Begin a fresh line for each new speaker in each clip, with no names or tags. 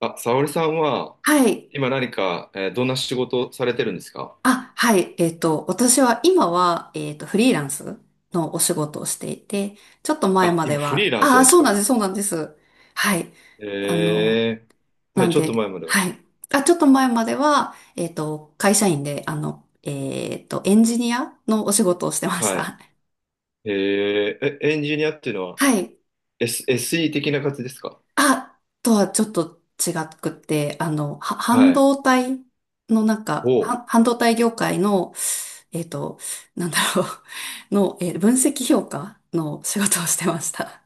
あ、沙織さんは、
はい。
今何か、どんな仕事をされてるんですか？
あ、はい。私は今は、フリーランスのお仕事をしていて、ちょっと前
あ、
まで
今フリー
は、
ランス
あ
な
あ、
んです
そうな
か？
んです、そうなんです。はい。
え
あ
ー、
の、
は
な
い、
ん
ちょっと
で、
前までは。
はい。あ、ちょっと前までは、会社員で、エンジニアのお仕事をしてまし
は
た。
い。え、ーえ、エンジニアっていうのは、
はい。
SE 的な感じですか？
あ、とはちょっと違くて、半
はい。
導体の
おう。
半導体業界の、えっと、の、分析評価の仕事をしてました。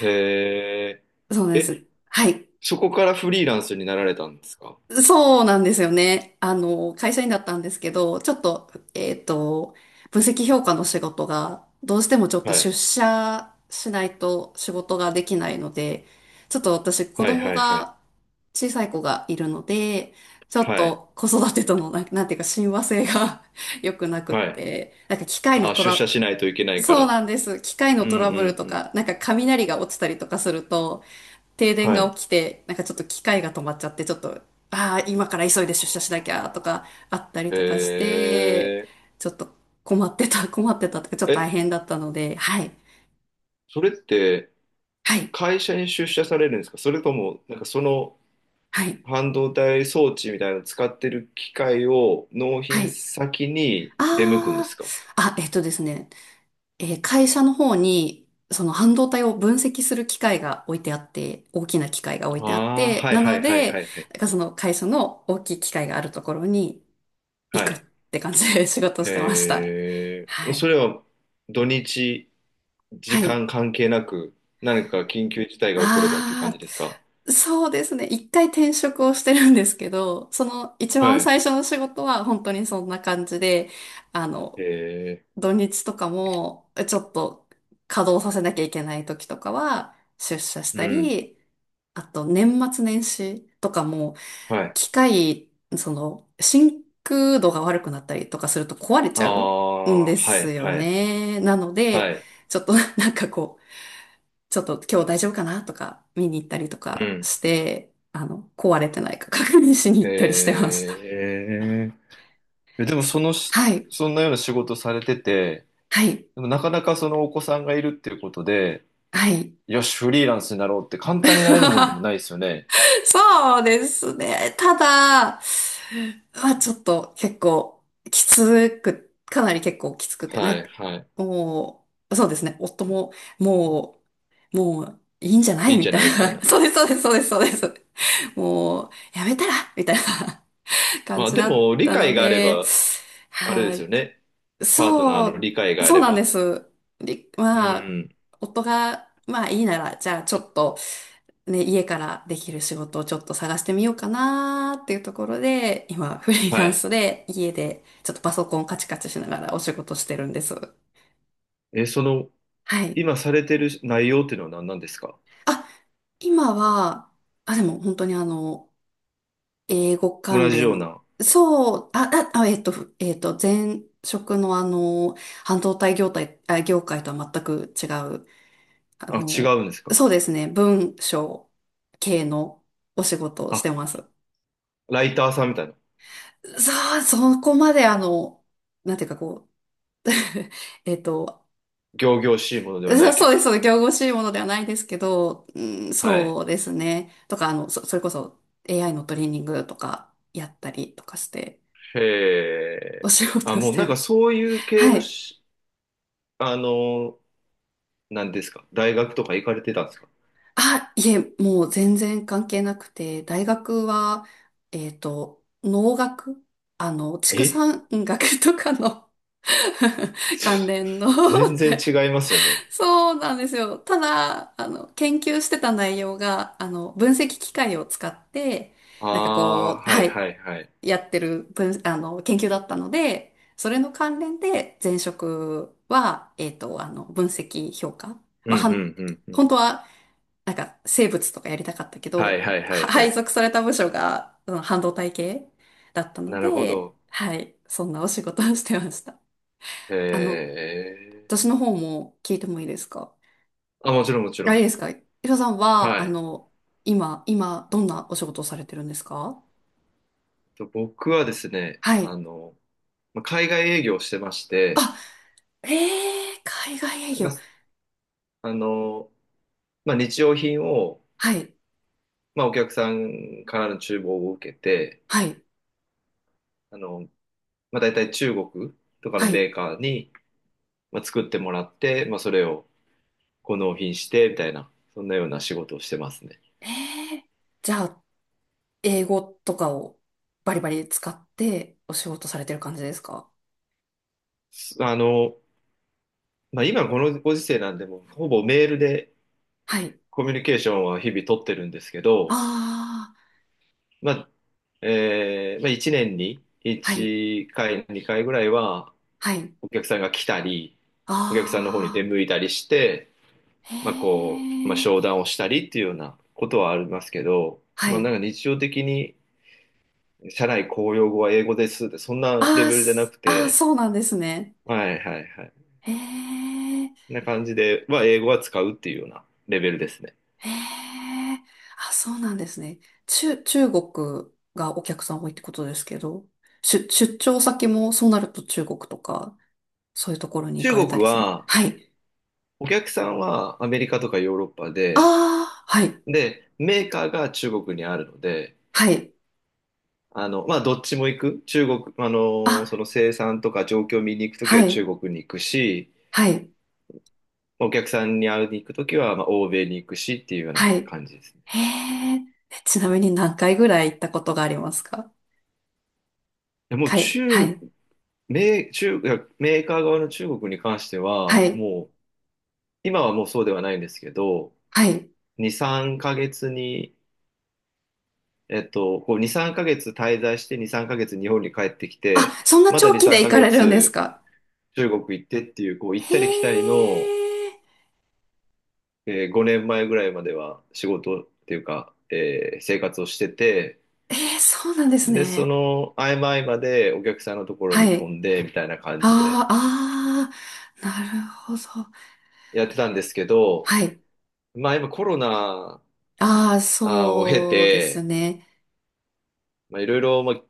え
そう
ー
です。
え、
はい。
そこからフリーランスになられたんですか？
そうなんですよね。会社員だったんですけど、ちょっと、分析評価の仕事が、どうしてもちょっと
は
出
い。
社しないと仕事ができないので、ちょっと私、子
はい、
供
はい、はい。
が、小さい子がいるので、ちょっ
はい。
と子育てとの、なんなんていうか、親和性が 良くなくっ
はい。
て、機械の
あ、
ト
出社
ラ、
しないといけないか
そう
ら。
なんです。機械の
うん、う
トラブル
ん、
と
うん。
か、雷が落ちたりとかすると、停電
は
が
い。
起きて、ちょっと機械が止まっちゃって、ちょっと、ああ、今から急いで出
あ
社しなきゃとかあったり
ー
とかして、
え
ちょっと困ってた、困ってたとか、ちょっ
ー、
と大
え、
変だったので、はい、
それって
はい、
会社に出社されるんですか、それとも、なんかその
はい、
半導体装置みたいなのを使ってる機械を納
は
品
い。
先に出向くんで
あ
すか？
あ、あ、えっとですね、えー会社の方に、その半導体を分析する機械が置いてあって、大きな機械が置いてあっ
ああー、
て、
はい
な
は
の
いはい
で、
はいはい。
その会社の大きい機械があるところに行
は
くっ
い。
て感じで仕事してました。
へえ、
は
そ
い。
れは土日、
は
時
い。
間関係なく、何か緊急事態が起こればっていう感
あ
じですか？
あ、そうですね。一回転職をしてるんですけど、その一
は
番
い。
最初の仕事は本当にそんな感じで、あの、
へえ、
土日とかもちょっと稼働させなきゃいけない時とかは出社し
う
た
ん。
り、あと年末年始とかも
はい。
機械、その真空度が悪くなったりとかすると壊れち
あ
ゃうん
あ、
で
は
す
い
よ
はい。
ね。なの
は
で、
い。
ちょっとちょっと今日大丈夫かなとか見に行ったりと
う
か
ん。
して、壊れてないか 確認しに
へ
行ったりしてました。
え、え、でも
そ
そ
う。
のし、
はい。
そんなような仕事されてて、
はい。
でもなかなかそのお子さんがいるっていうことで、
はい。
よし、フリーランスになろうって簡単になれるもんでも ないですよね。
そうですね。ただ、ちょっと結構きつく、かなり結構きつくて、
はい、はい。
もう、そうですね。夫も、ももう、いいんじゃな
い
い
いんじ
み
ゃ
たい
ないみたい
な。
な。
そうです、そうです、そうです、そうです。もう、やめたらみたいな 感
まあ、
じ
で
だっ
も、理
たの
解があれ
で、
ば、あれで
は
すよ
い。
ね。パートナ
そ
ーの理解
う、
があ
そう
れ
なんで
ば。
す。り
う
まあ、
ん。
夫が、まあいいなら、じゃあちょっと、ね、家からできる仕事をちょっと探してみようかなーっていうところで、今、フリー
は
ラン
い。
スで家でちょっとパソコンカチカチしながらお仕事してるんです。
え、その、
はい。
今されてる内容っていうのは何なんですか？
あ、今は、あ、でも本当に英語
同
関
じよう
連、
な。
そう、あ、あ、あえっと、ふえっと、前職の半導体業態、あ、業界とは全く違うあ
あ、違
の、
うんですか？
そうですね、文章系のお仕事をし
あ、
てます。
ライターさんみたいな。
そう、そこまであの、なんていうかこう、えっと、
仰々しいもの ではな
そ
いけ
そう
ど。
です、そうです、仰々しいものではないですけど、うん、
はい。
そうですね。とか、それこそ AI のトレーニングとかやったりとかして、
へ
お
え。
仕
あ、
事
も
し
うな
て
ん
ま
か
す。
そういう系
は
の
い。
し、あの、なんですか。大学とか行かれてたんですか？
あ、いえ、もう全然関係なくて、大学は、農学畜
え、
産学とかの 関連の
全然違いますよね。
そうなんですよ。ただ、研究してた内容が、分析機械を使って、
ああー、は
は
い
い、
はいはい。
やってる分、研究だったので、それの関連で前職は、分析評価。
う
まあ、
んうんうんうん。
本当は生物とかやりたかったけ
はい
ど、
はいはいは
配
い。
属された部署が、うん、半導体系だったの
なるほ
で、
ど。
はい、そんなお仕事をしてました。
へ
あの、
え。
私の方も聞いてもいいですか？
あ、もちろんもち
あ
ろ
れ
ん。
ですか？ヒロさんは、
はい。
今、どんなお仕事をされてるんですか？
僕はですね、
は
あ
い。
の、まあ海外営業をしてまして、
あ、ええー、海外営
なん
業。
か、あの、まあ、日用品を、
はい、
まあ、お客さんからの注文を受けて、
はい、
あの、まあ、大体中国とかの
は
メ
い。
ーカーに、まあ、作ってもらって、まあ、それをこう納品してみたいな、そんなような仕事をしてますね。
ええー、じゃあ、英語とかをバリバリ使ってお仕事されてる感じですか？
あの、まあ、今このご時世なんで、もうほぼメールで
はい。
コミュニケーションは日々取ってるんですけど、
ああ。
まあ、まあ、1年に
はい。
1回、2回ぐらいは
はい。
お客さんが来たり、お客さんの方に出
あ
向いたりして、
あ、へ
まあこう、まあ、
え。
商談をしたりっていうようなことはありますけど、
は
まあ、なん
い。
か日常的に社内公用語は英語ですって、そんなレ
ああ、
ベルじゃな
す
く
あー
て、
そうなんですね。
はいはいはい。
へえ。
な感じで、英語は使うっていうようなレベルですね。
へえ。あ、そうなんですね。中国がお客さん多いってことですけど、出張先もそうなると中国とか、そういうところに行
中
かれた
国
りする。
は、
はい。
お客さんはアメリカとかヨーロッパで、
ああ、はい。
で、メーカーが中国にあるので、
はい。
あの、まあ、どっちも行く。中国、あの、そ
あ、
の生産とか状況を見に行くとき
は
は中
い。
国に行くし、
はい。
お客さんに会いに行くときは、まあ、欧米に行くしっていうような
はい。
感じですね。
へえ。ちなみに何回ぐらい行ったことがありますか？
でもう
はい。は
中、
い。
メー、中、いやメーカー側の中国に関して
は
は、
い。
もう今はもうそうではないんですけど、
はい。
2、3ヶ月に、えっと、こう2、3ヶ月滞在して、2、3ヶ月日本に帰ってきて、
あ、そんな
また
長
2、
期で
3
行か
ヶ
れるんです
月
か？
中国行ってっていう、こう行っ
へ
たり来たりの、
え、
5年前ぐらいまでは仕事っていうか、生活をしてて、
えー、そうなんです
で、そ
ね。
の合間合間でお客さんのところ
は
に飛
い。
んでみたいな感じで
あーあー、なるほど。
やってたんですけど、
はい。
まあ今コロナ
ああ、
を経
そうです
て、
ね。
まあいろいろ、まあ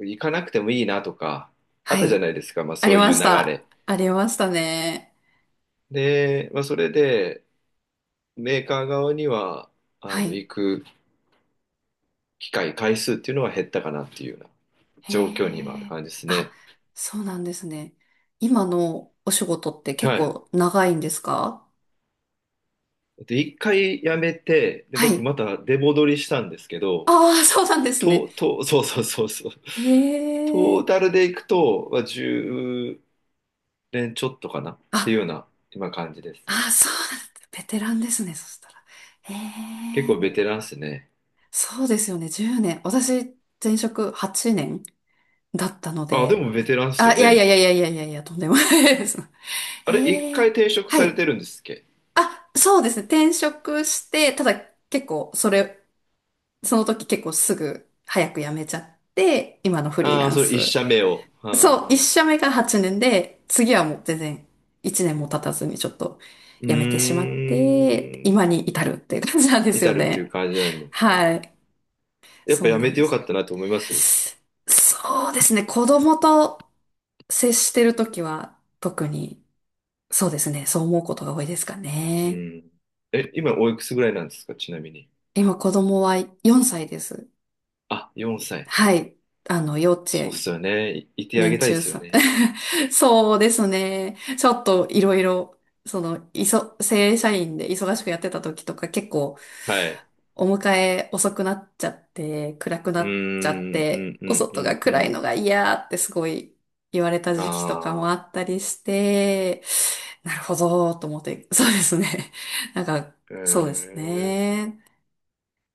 行かなくてもいいなとか、あっ
は
たじゃ
い。
ないですか、まあ
あ
そ
り
うい
ま
う流
した。
れ。
ありましたね。
で、まあそれで、メーカー側には、あ
は
の、
い。
行く機会、回数っていうのは減ったかなっていうような
へ
状況に今ある
え、
感じです
あ、
ね。
そうなんですね。今のお仕事って結
はい。
構長いんですか？
で、一回やめて、で、
は
僕
い。
また出戻りしたんですけど、
ああ、そうなんですね。
そうそうそうそう。
へ
トー
え。
タルでいくと、まあ、10年ちょっとかなっていうよ
あ
うな今感じです。
あ、そうなんだ。ベテランですね、そしたら。へ
結構
え、
ベテランっすね。
そうですよね、10年。私、前職8年だったの
あ、で
で。
もベテランっすよ
あ、いやいや
ね。
いやいやいやいやいや、とんでもないです。
あれ、一
へ
回
え、
停職
は
され
い。
てるんですっけ？
あ、そうですね、転職して、ただ結構、その時結構すぐ、早く辞めちゃって、今のフリー
ああー、
ラン
それ一
ス、
社目を。あ
そう、一
ー、
社目が8年で、次はもう全然1年も経たずにちょっと
う
辞めてしまって、
ー
今
ん。
に至るっていう感じなんで
至
すよ
るっていう
ね。
感じなんで、ね。
はい。
やっぱ
そう
や
な
め
ん
て
で
よ
す。
かったなと思います。
そうですね。子供と接してるときは特に、そうですね。そう思うことが多いですか
う
ね。
ん。え、今おいくつぐらいなんですか、ちなみに。
今子供は4歳です。
あ、4歳。
はい。幼稚
そうっ
園
すよね。いてあ
年
げたいで
中
すよ
さん。
ね。
そうですね。ちょっといろいろ、正社員で忙しくやってた時とか結構
はい。
お迎え遅くなっちゃって、暗く
う
な
ー
っちゃっ
ん、う
て、
ん、う
お
ん、う
外が
ん、う
暗い
ん。
のが嫌ってすごい言われた時期とかもあ
あ
ったりして、なるほど、と思って、そうですね。なんか、
あ、へ
そうです
え。
ね。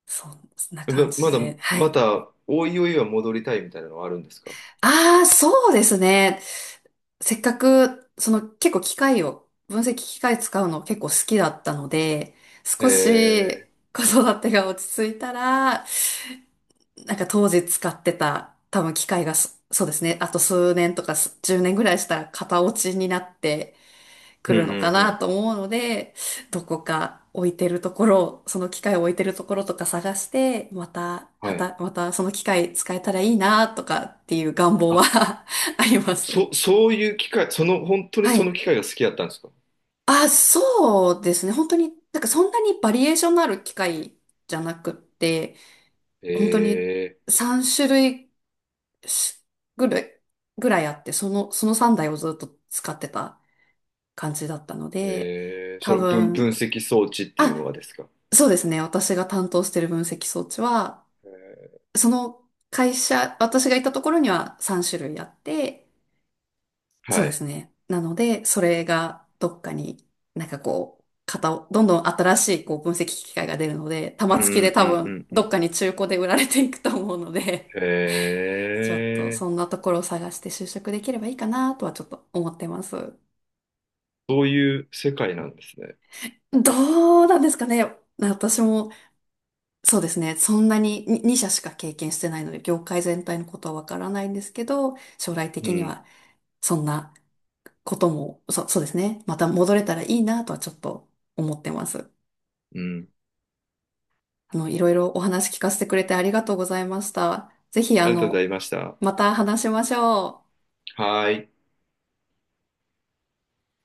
そんな感
ま、
じ
まだ、
で、は
ま
い。
た、おいおいは戻りたいみたいなのはあるんですか？
ああ、そうですね。せっかく、その結構機械を、分析機械使うの結構好きだったので、
へ
少
え。
し子育てが落ち着いたら、当時使ってた多分機械がそうですね、あと数年とか10年ぐらいしたら型落ちになって
う
く
ん、
るのか
うん、う
な
ん。
と思うので、どこか置いてるところ、その機械を置いてるところとか探して、また、は
はい。
た、またその機械使えたらいいなとかっていう願望は
あ、
あります。
そういう機会、その、本当に
は
その
い。
機会が好きだったんですか？
あ、そうですね。本当に、そんなにバリエーションのある機械じゃなくって、本当に
え
3種類しぐらい、ぐらいあって、その3台をずっと使ってた感じだったので、
そ
多
の分
分、
析装置っていうのが
あ、
ですか？
そうですね。私が担当してる分析装置は、
え
その会社、私がいたところには3種類あって、
ー、
そう
は
で
い。
すね。なので、それがどっかに型を、どんどん新しい分析機械が出るので、玉
う
突きで
んう
多
んう
分
んう
どっ
ん。
かに中古で売られていくと思うので、
へ
ちょっと
え、
そんなところを探して就職できればいいかなとはちょっと思ってます。
そういう世界なんですね。
どうなんですかね。私もそうですね。そんなに2社しか経験してないので、業界全体のことはわからないんですけど、将来
う
的に
ん、
はそんなことも、そうですね。また戻れたらいいなとはちょっと思ってます。
うん。
いろいろお話聞かせてくれてありがとうございました。ぜひ、
ありがとうございました。
また話しましょう。
はーい。